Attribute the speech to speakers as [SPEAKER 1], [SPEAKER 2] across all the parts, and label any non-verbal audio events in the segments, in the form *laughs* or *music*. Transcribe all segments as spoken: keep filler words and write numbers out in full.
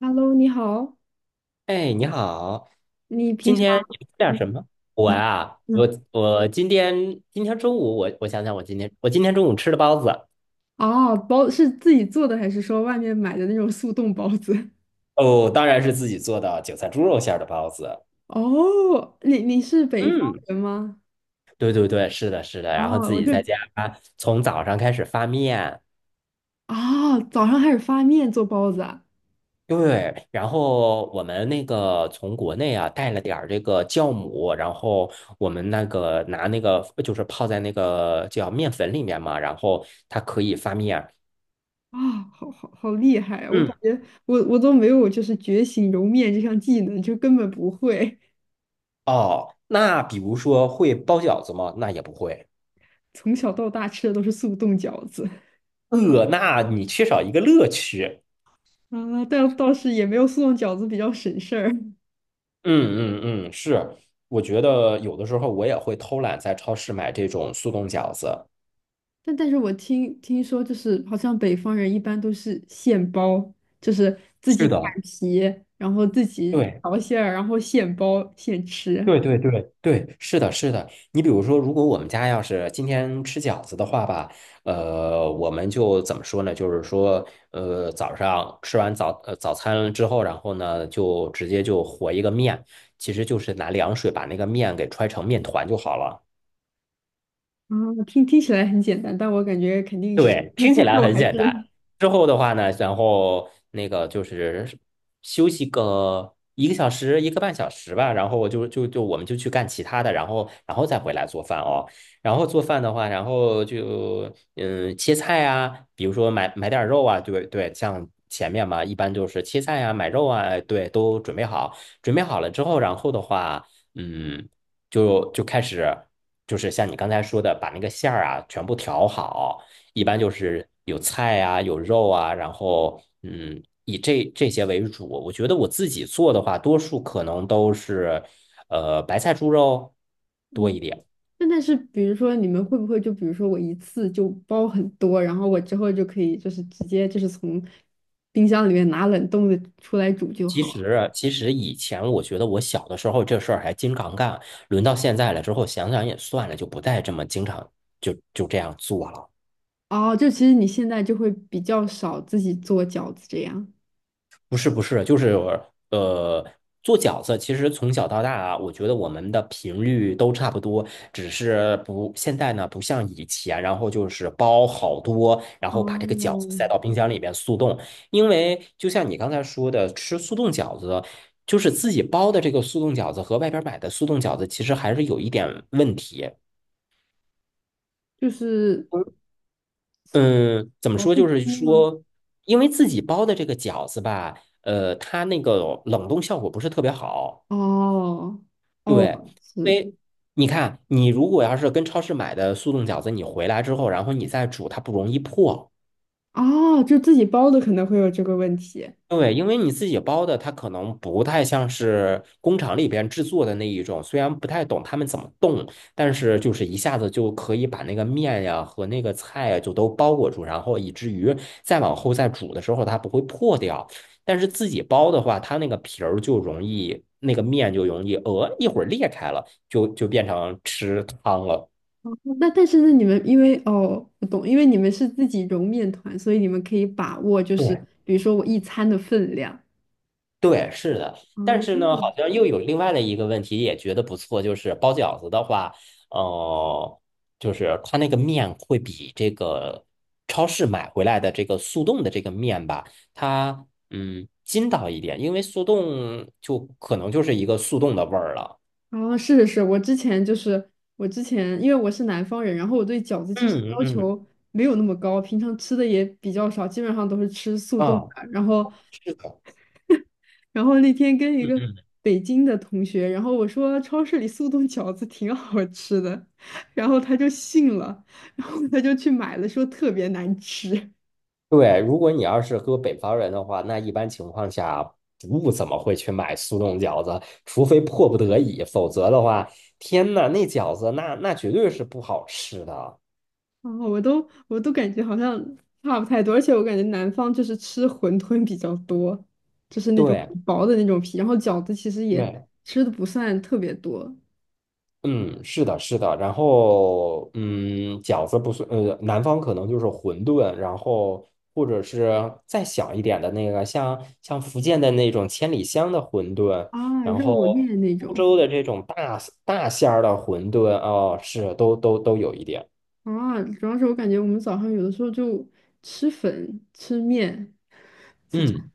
[SPEAKER 1] Hello，你好，
[SPEAKER 2] 哎，你好，
[SPEAKER 1] 你平
[SPEAKER 2] 今
[SPEAKER 1] 常。
[SPEAKER 2] 天你们吃点
[SPEAKER 1] 嗯
[SPEAKER 2] 什么？我啊，我
[SPEAKER 1] 嗯。
[SPEAKER 2] 我今天今天中午我我想想，我今天我今天中午吃的包子。
[SPEAKER 1] 哦，包是自己做的还是说外面买的那种速冻包子？
[SPEAKER 2] 哦，当然是自己做的韭菜猪肉馅儿的包子。
[SPEAKER 1] *laughs* 哦，你你是北方
[SPEAKER 2] 嗯，
[SPEAKER 1] 人吗？
[SPEAKER 2] 对对对，是的，是的，然后
[SPEAKER 1] 哦，
[SPEAKER 2] 自
[SPEAKER 1] 我
[SPEAKER 2] 己
[SPEAKER 1] 就。
[SPEAKER 2] 在家从早上开始发面。
[SPEAKER 1] 啊、早上开始发面做包子啊。
[SPEAKER 2] 对，然后我们那个从国内啊带了点儿这个酵母，然后我们那个拿那个就是泡在那个叫面粉里面嘛，然后它可以发面。
[SPEAKER 1] 啊、好好好厉害啊！我
[SPEAKER 2] 嗯。
[SPEAKER 1] 感觉我我都没有就是觉醒揉面这项技能，就根本不会。
[SPEAKER 2] 哦，那比如说会包饺子吗？那也不会。
[SPEAKER 1] *laughs* 从小到大吃的都是速冻饺子。
[SPEAKER 2] 呃，那你缺少一个乐趣。
[SPEAKER 1] *laughs* 啊，但倒是也没有速冻饺子比较省事儿。
[SPEAKER 2] 嗯嗯嗯，是。我觉得有的时候我也会偷懒，在超市买这种速冻饺子。
[SPEAKER 1] 但但是我听听说，就是好像北方人一般都是现包，就是自己
[SPEAKER 2] 是
[SPEAKER 1] 擀
[SPEAKER 2] 的，
[SPEAKER 1] 皮，然后自己
[SPEAKER 2] 对。
[SPEAKER 1] 调馅儿，然后现包现吃。
[SPEAKER 2] 对对对对，是的，是的。你比如说，如果我们家要是今天吃饺子的话吧，呃，我们就怎么说呢？就是说，呃，早上吃完早呃早餐之后，然后呢，就直接就和一个面，其实就是拿凉水把那个面给揣成面团就好了。
[SPEAKER 1] 啊，听听起来很简单，但我感觉肯定实
[SPEAKER 2] 对，
[SPEAKER 1] 际
[SPEAKER 2] 听
[SPEAKER 1] 步
[SPEAKER 2] 起来
[SPEAKER 1] 骤
[SPEAKER 2] 很
[SPEAKER 1] 还是。
[SPEAKER 2] 简单。之后的话呢，然后那个就是休息个一个小时、一个半小时吧，然后就就就我们就去干其他的，然后然后再回来做饭哦。然后做饭的话，然后就嗯切菜啊，比如说买买点肉啊，对对，像前面嘛，一般就是切菜啊、买肉啊，哎对，都准备好。准备好了之后，然后的话，嗯，就就开始就是像你刚才说的，把那个馅儿啊全部调好。一般就是有菜啊，有肉啊，然后嗯，以这这些为主。我觉得我自己做的话，多数可能都是呃白菜猪肉多
[SPEAKER 1] 嗯。
[SPEAKER 2] 一点。
[SPEAKER 1] 那但是比如说你们会不会就比如说我一次就包很多，然后我之后就可以就是直接就是从冰箱里面拿冷冻的出来煮就
[SPEAKER 2] 其
[SPEAKER 1] 好了？
[SPEAKER 2] 实，其实以前我觉得我小的时候这事儿还经常干，轮到现在了之后，想想也算了，就不再这么经常就就这样做了。
[SPEAKER 1] 哦，就其实你现在就会比较少自己做饺子这样。
[SPEAKER 2] 不是不是，就是呃，做饺子其实从小到大啊，我觉得我们的频率都差不多，只是不现在呢不像以前，然后就是包好多，然后把这个饺子
[SPEAKER 1] 哦，
[SPEAKER 2] 塞到冰箱里边速冻。因为就像你刚才说的，吃速冻饺子，就是自己包的这个速冻饺子和外边买的速冻饺子，其实还是有一点问题。
[SPEAKER 1] 就是
[SPEAKER 2] 嗯，怎么
[SPEAKER 1] 保
[SPEAKER 2] 说？
[SPEAKER 1] 自
[SPEAKER 2] 就是
[SPEAKER 1] 己吗？
[SPEAKER 2] 说，因为自己包的这个饺子吧，呃，它那个冷冻效果不是特别好。
[SPEAKER 1] 哦
[SPEAKER 2] 对，
[SPEAKER 1] 哦。
[SPEAKER 2] 因
[SPEAKER 1] 是。
[SPEAKER 2] 为你看，你如果要是跟超市买的速冻饺子，你回来之后，然后你再煮，它不容易破。
[SPEAKER 1] 哦，就自己包的可能会有这个问题。
[SPEAKER 2] 对，因为你自己包的，它可能不太像是工厂里边制作的那一种，虽然不太懂他们怎么冻，但是就是一下子就可以把那个面呀和那个菜呀就都包裹住，然后以至于再往后再煮的时候它不会破掉。但是自己包的话，它那个皮儿就容易，那个面就容易，呃，一会儿裂开了，就就变成吃汤了。
[SPEAKER 1] 那但是那你们因为哦，我懂，因为你们是自己揉面团，所以你们可以把握，就是
[SPEAKER 2] 对
[SPEAKER 1] 比如说我一餐的分量。
[SPEAKER 2] 对，是的，但
[SPEAKER 1] 哦。
[SPEAKER 2] 是呢，好像又有另外的一个问题，也觉得不错，就是包饺子的话，呃，就是它那个面会比这个超市买回来的这个速冻的这个面吧，它嗯筋道一点，因为速冻就可能就是一个速冻的味儿了。
[SPEAKER 1] 哦，是是是，我之前就是我之前，因为我是南方人，然后我对饺子其实
[SPEAKER 2] 嗯
[SPEAKER 1] 要
[SPEAKER 2] 嗯，
[SPEAKER 1] 求没有那么高，平常吃的也比较少，基本上都是吃速冻的。
[SPEAKER 2] 啊，
[SPEAKER 1] 然后
[SPEAKER 2] 是的，
[SPEAKER 1] 然后那天跟一
[SPEAKER 2] 嗯
[SPEAKER 1] 个
[SPEAKER 2] 嗯。
[SPEAKER 1] 北京的同学，然后我说超市里速冻饺子挺好吃的，然后他就信了，然后他就去买了，说特别难吃。
[SPEAKER 2] 对，如果你要是搁北方人的话，那一般情况下不怎么会去买速冻饺子，除非迫不得已，否则的话，天呐，那饺子那那绝对是不好吃的。
[SPEAKER 1] 然后我都我都感觉好像差不太多，而且我感觉南方就是吃馄饨比较多，就是那种
[SPEAKER 2] 对
[SPEAKER 1] 很薄的那种皮，然后饺子其实也
[SPEAKER 2] 对。
[SPEAKER 1] 吃的不算特别多。
[SPEAKER 2] 嗯，是的，是的。然后，嗯，饺子不算，呃，南方可能就是馄饨，然后或者是再小一点的那个，像像福建的那种千里香的馄饨，
[SPEAKER 1] 啊，
[SPEAKER 2] 然后
[SPEAKER 1] 肉面那
[SPEAKER 2] 苏
[SPEAKER 1] 种。
[SPEAKER 2] 州的这种大大馅儿的馄饨，哦，是都都都有一点。
[SPEAKER 1] 啊，主要是我感觉我们早上有的时候就吃粉吃面，
[SPEAKER 2] 嗯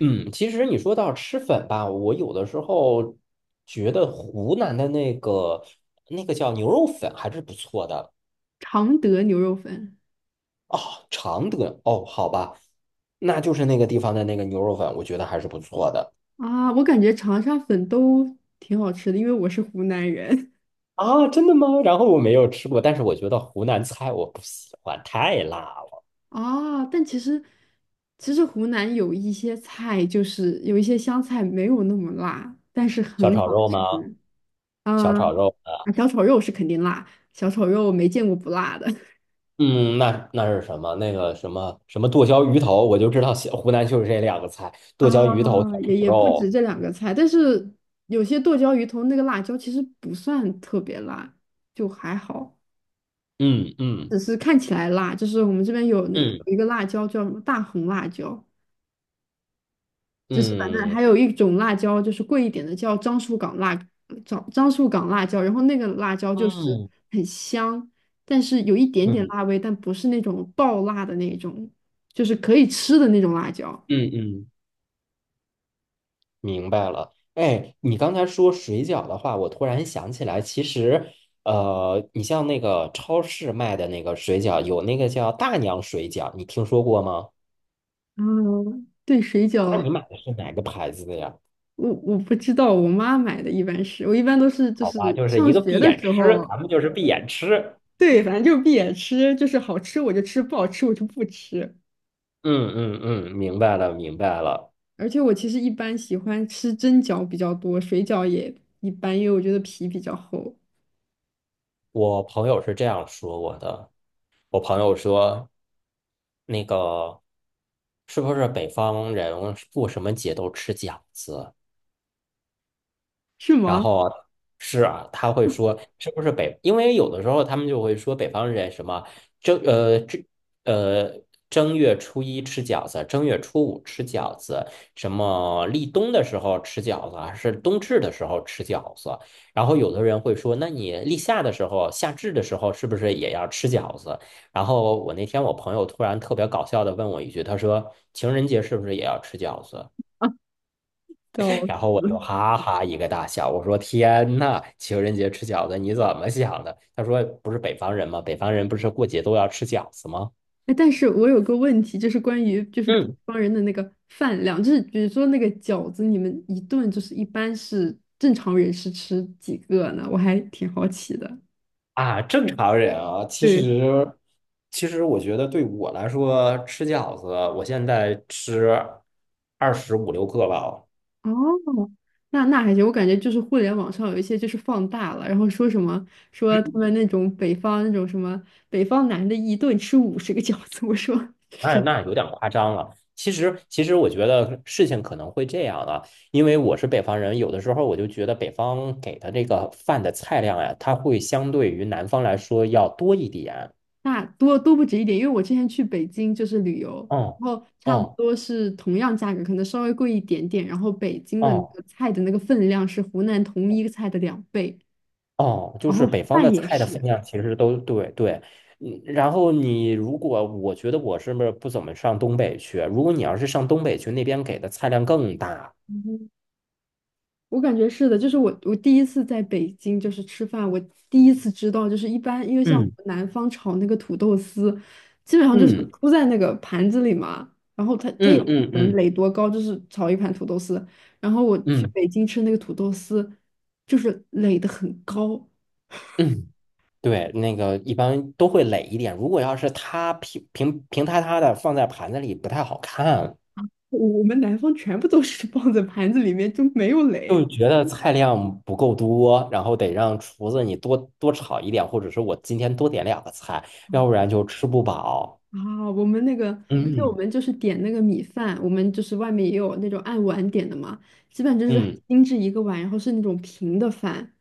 [SPEAKER 2] 嗯，其实你说到吃粉吧，我有的时候觉得湖南的那个那个叫牛肉粉还是不错的。
[SPEAKER 1] 常德牛肉粉。
[SPEAKER 2] 哦，常德哦，好吧，那就是那个地方的那个牛肉粉，我觉得还是不错的
[SPEAKER 1] 啊，我感觉长沙粉都挺好吃的，因为我是湖南人。
[SPEAKER 2] 啊，真的吗？然后我没有吃过，但是我觉得湖南菜我不喜欢，太辣了。
[SPEAKER 1] *laughs* 啊。但其实，其实湖南有一些菜，就是有一些湘菜没有那么辣，但是
[SPEAKER 2] 小
[SPEAKER 1] 很
[SPEAKER 2] 炒
[SPEAKER 1] 好
[SPEAKER 2] 肉吗？
[SPEAKER 1] 吃
[SPEAKER 2] 小
[SPEAKER 1] 啊。啊，
[SPEAKER 2] 炒肉，
[SPEAKER 1] 小炒肉是肯定辣，小炒肉没见过不辣的。 *laughs*
[SPEAKER 2] 嗯，那那是什么？那个什么什么剁椒鱼头，我就知道西湖南就是这两个菜，剁椒鱼头、小
[SPEAKER 1] 啊，
[SPEAKER 2] 炒
[SPEAKER 1] 也也不止
[SPEAKER 2] 肉。
[SPEAKER 1] 这两个菜，但是有些剁椒鱼头那个辣椒其实不算特别辣，就还好，
[SPEAKER 2] 嗯
[SPEAKER 1] 只是看起来辣。就是我们这边有那有
[SPEAKER 2] 嗯
[SPEAKER 1] 一个辣椒叫什么大红辣椒。就是反正还
[SPEAKER 2] 嗯
[SPEAKER 1] 有一种辣椒，就是贵一点的，叫樟树港辣樟樟树港辣椒，然后那个辣椒就是
[SPEAKER 2] 嗯
[SPEAKER 1] 很香，但是有一
[SPEAKER 2] 嗯
[SPEAKER 1] 点
[SPEAKER 2] 嗯
[SPEAKER 1] 点
[SPEAKER 2] 嗯
[SPEAKER 1] 辣味，但不是那种爆辣的那种，就是可以吃的那种辣椒。
[SPEAKER 2] 嗯。嗯，明白了，哎，你刚才说水饺的话，我突然想起来，其实，呃，你像那个超市卖的那个水饺，有那个叫大娘水饺，你听说过吗？
[SPEAKER 1] 嗯，对，水
[SPEAKER 2] 那
[SPEAKER 1] 饺，
[SPEAKER 2] 你买的是哪个牌子的呀？
[SPEAKER 1] 我我不知道，我妈买的一般是，我一般都是就
[SPEAKER 2] 好吧，
[SPEAKER 1] 是
[SPEAKER 2] 就是
[SPEAKER 1] 上
[SPEAKER 2] 一个
[SPEAKER 1] 学
[SPEAKER 2] 闭
[SPEAKER 1] 的
[SPEAKER 2] 眼
[SPEAKER 1] 时
[SPEAKER 2] 吃，
[SPEAKER 1] 候，
[SPEAKER 2] 咱们就是闭眼吃。
[SPEAKER 1] 对，反正就是闭眼吃，就是好吃我就吃，不好吃我就不吃。
[SPEAKER 2] 嗯嗯嗯，明白了明白了。
[SPEAKER 1] 而且我其实一般喜欢吃蒸饺比较多，水饺也一般，因为我觉得皮比较厚。
[SPEAKER 2] 我朋友是这样说我的，我朋友说，那个是不是北方人过什么节都吃饺子？
[SPEAKER 1] 是
[SPEAKER 2] 然
[SPEAKER 1] 吗？
[SPEAKER 2] 后是啊，他会说是不是北？因为有的时候他们就会说北方人什么正呃正呃正月初一吃饺子，正月初五吃饺子，什么立冬的时候吃饺子，还是冬至的时候吃饺子。然后有的人会说，那你立夏的时候、夏至的时候是不是也要吃饺子？然后我那天我朋友突然特别搞笑的问我一句，他说情人节是不是也要吃饺子？
[SPEAKER 1] 笑
[SPEAKER 2] 然后我就
[SPEAKER 1] 死！
[SPEAKER 2] 哈哈一个大笑，我说："天呐，情人节吃饺子你怎么想的？"他说："不是北方人吗？北方人不是过节都要吃饺子吗？"
[SPEAKER 1] 哎，但是我有个问题，就是关于就是北
[SPEAKER 2] 嗯
[SPEAKER 1] 方人的那个饭量，就是比如说那个饺子，你们一顿就是一般是正常人是吃几个呢？我还挺好奇的。
[SPEAKER 2] 啊，正常人啊，其
[SPEAKER 1] 对，
[SPEAKER 2] 实其实我觉得对我来说，吃饺子，我现在吃二十五六个吧。
[SPEAKER 1] 哦，那那还行，我感觉就是互联网上有一些就是放大了，然后说什么说他们那种北方那种什么北方男的一顿吃五十个饺子，我说
[SPEAKER 2] 哎，那有点夸张了。其实，其实我觉得事情可能会这样啊，因为我是北方人，有的时候我就觉得北方给的这个饭的菜量呀，它会相对于南方来说要多一点。
[SPEAKER 1] 那多多不止一点，因为我之前去北京就是旅游，
[SPEAKER 2] 哦，
[SPEAKER 1] 然后差不
[SPEAKER 2] 哦，
[SPEAKER 1] 多是同样价格，可能稍微贵一点点。然后北京的那
[SPEAKER 2] 哦，
[SPEAKER 1] 个菜的那个分量是湖南同一个菜的两倍，
[SPEAKER 2] 哦，就
[SPEAKER 1] 然
[SPEAKER 2] 是
[SPEAKER 1] 后
[SPEAKER 2] 北方的
[SPEAKER 1] 饭也
[SPEAKER 2] 菜的分
[SPEAKER 1] 是。
[SPEAKER 2] 量其实都对对。嗯，然后你如果我觉得我是不是不怎么上东北去？如果你要是上东北去，那边给的菜量更大。
[SPEAKER 1] 我感觉是的，就是我我第一次在北京就是吃饭，我第一次知道就是一般，因为像我
[SPEAKER 2] 嗯
[SPEAKER 1] 们南方炒那个土豆丝，基本上就是
[SPEAKER 2] 嗯
[SPEAKER 1] 铺在那个盘子里嘛，然后它它也
[SPEAKER 2] 嗯
[SPEAKER 1] 不
[SPEAKER 2] 嗯
[SPEAKER 1] 可能
[SPEAKER 2] 嗯
[SPEAKER 1] 垒多高，就是炒一盘土豆丝。然后我
[SPEAKER 2] 嗯
[SPEAKER 1] 去
[SPEAKER 2] 嗯。
[SPEAKER 1] 北京吃那个土豆丝，就是垒得很高，
[SPEAKER 2] 嗯，对，那个一般都会垒一点。如果要是它平平平塌塌的放在盘子里，不太好看，
[SPEAKER 1] 我我们南方全部都是放在盘子里面就没有
[SPEAKER 2] 就
[SPEAKER 1] 垒。
[SPEAKER 2] 觉得菜量不够多，然后得让厨子你多多炒一点，或者是我今天多点两个菜，要不然就吃不饱。
[SPEAKER 1] 啊，我们那个，而且我
[SPEAKER 2] 嗯
[SPEAKER 1] 们就是点那个米饭，我们就是外面也有那种按碗点的嘛，基本就是很
[SPEAKER 2] 嗯
[SPEAKER 1] 精致一个碗，然后是那种平的饭。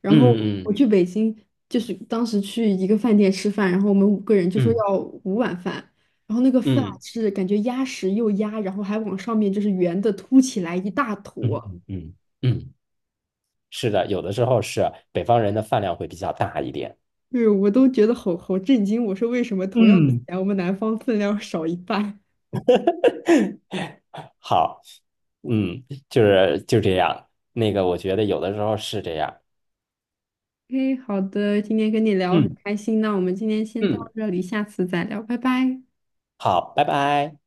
[SPEAKER 1] 然后
[SPEAKER 2] 嗯
[SPEAKER 1] 我去北京，就是当时去一个饭店吃饭，然后我们五个人就
[SPEAKER 2] 嗯
[SPEAKER 1] 说
[SPEAKER 2] 嗯
[SPEAKER 1] 要五碗饭，然后那个饭
[SPEAKER 2] 嗯
[SPEAKER 1] 是感觉压实又压，然后还往上面就是圆的凸起来一大
[SPEAKER 2] 嗯
[SPEAKER 1] 坨，
[SPEAKER 2] 嗯嗯，嗯，是的，有的时候是北方人的饭量会比较大一点。
[SPEAKER 1] 对我都觉得好好震惊，我说为什么同样的
[SPEAKER 2] 嗯，
[SPEAKER 1] 钱，我们南方分量少一半？
[SPEAKER 2] *laughs* 好，嗯，就是就这样。那个，我觉得有的时候是这样。
[SPEAKER 1] 嘿，好的，今天跟你聊很
[SPEAKER 2] 嗯。
[SPEAKER 1] 开心，那我们今天先到
[SPEAKER 2] 嗯，
[SPEAKER 1] 这里，下次再聊，拜拜。
[SPEAKER 2] 好，拜拜。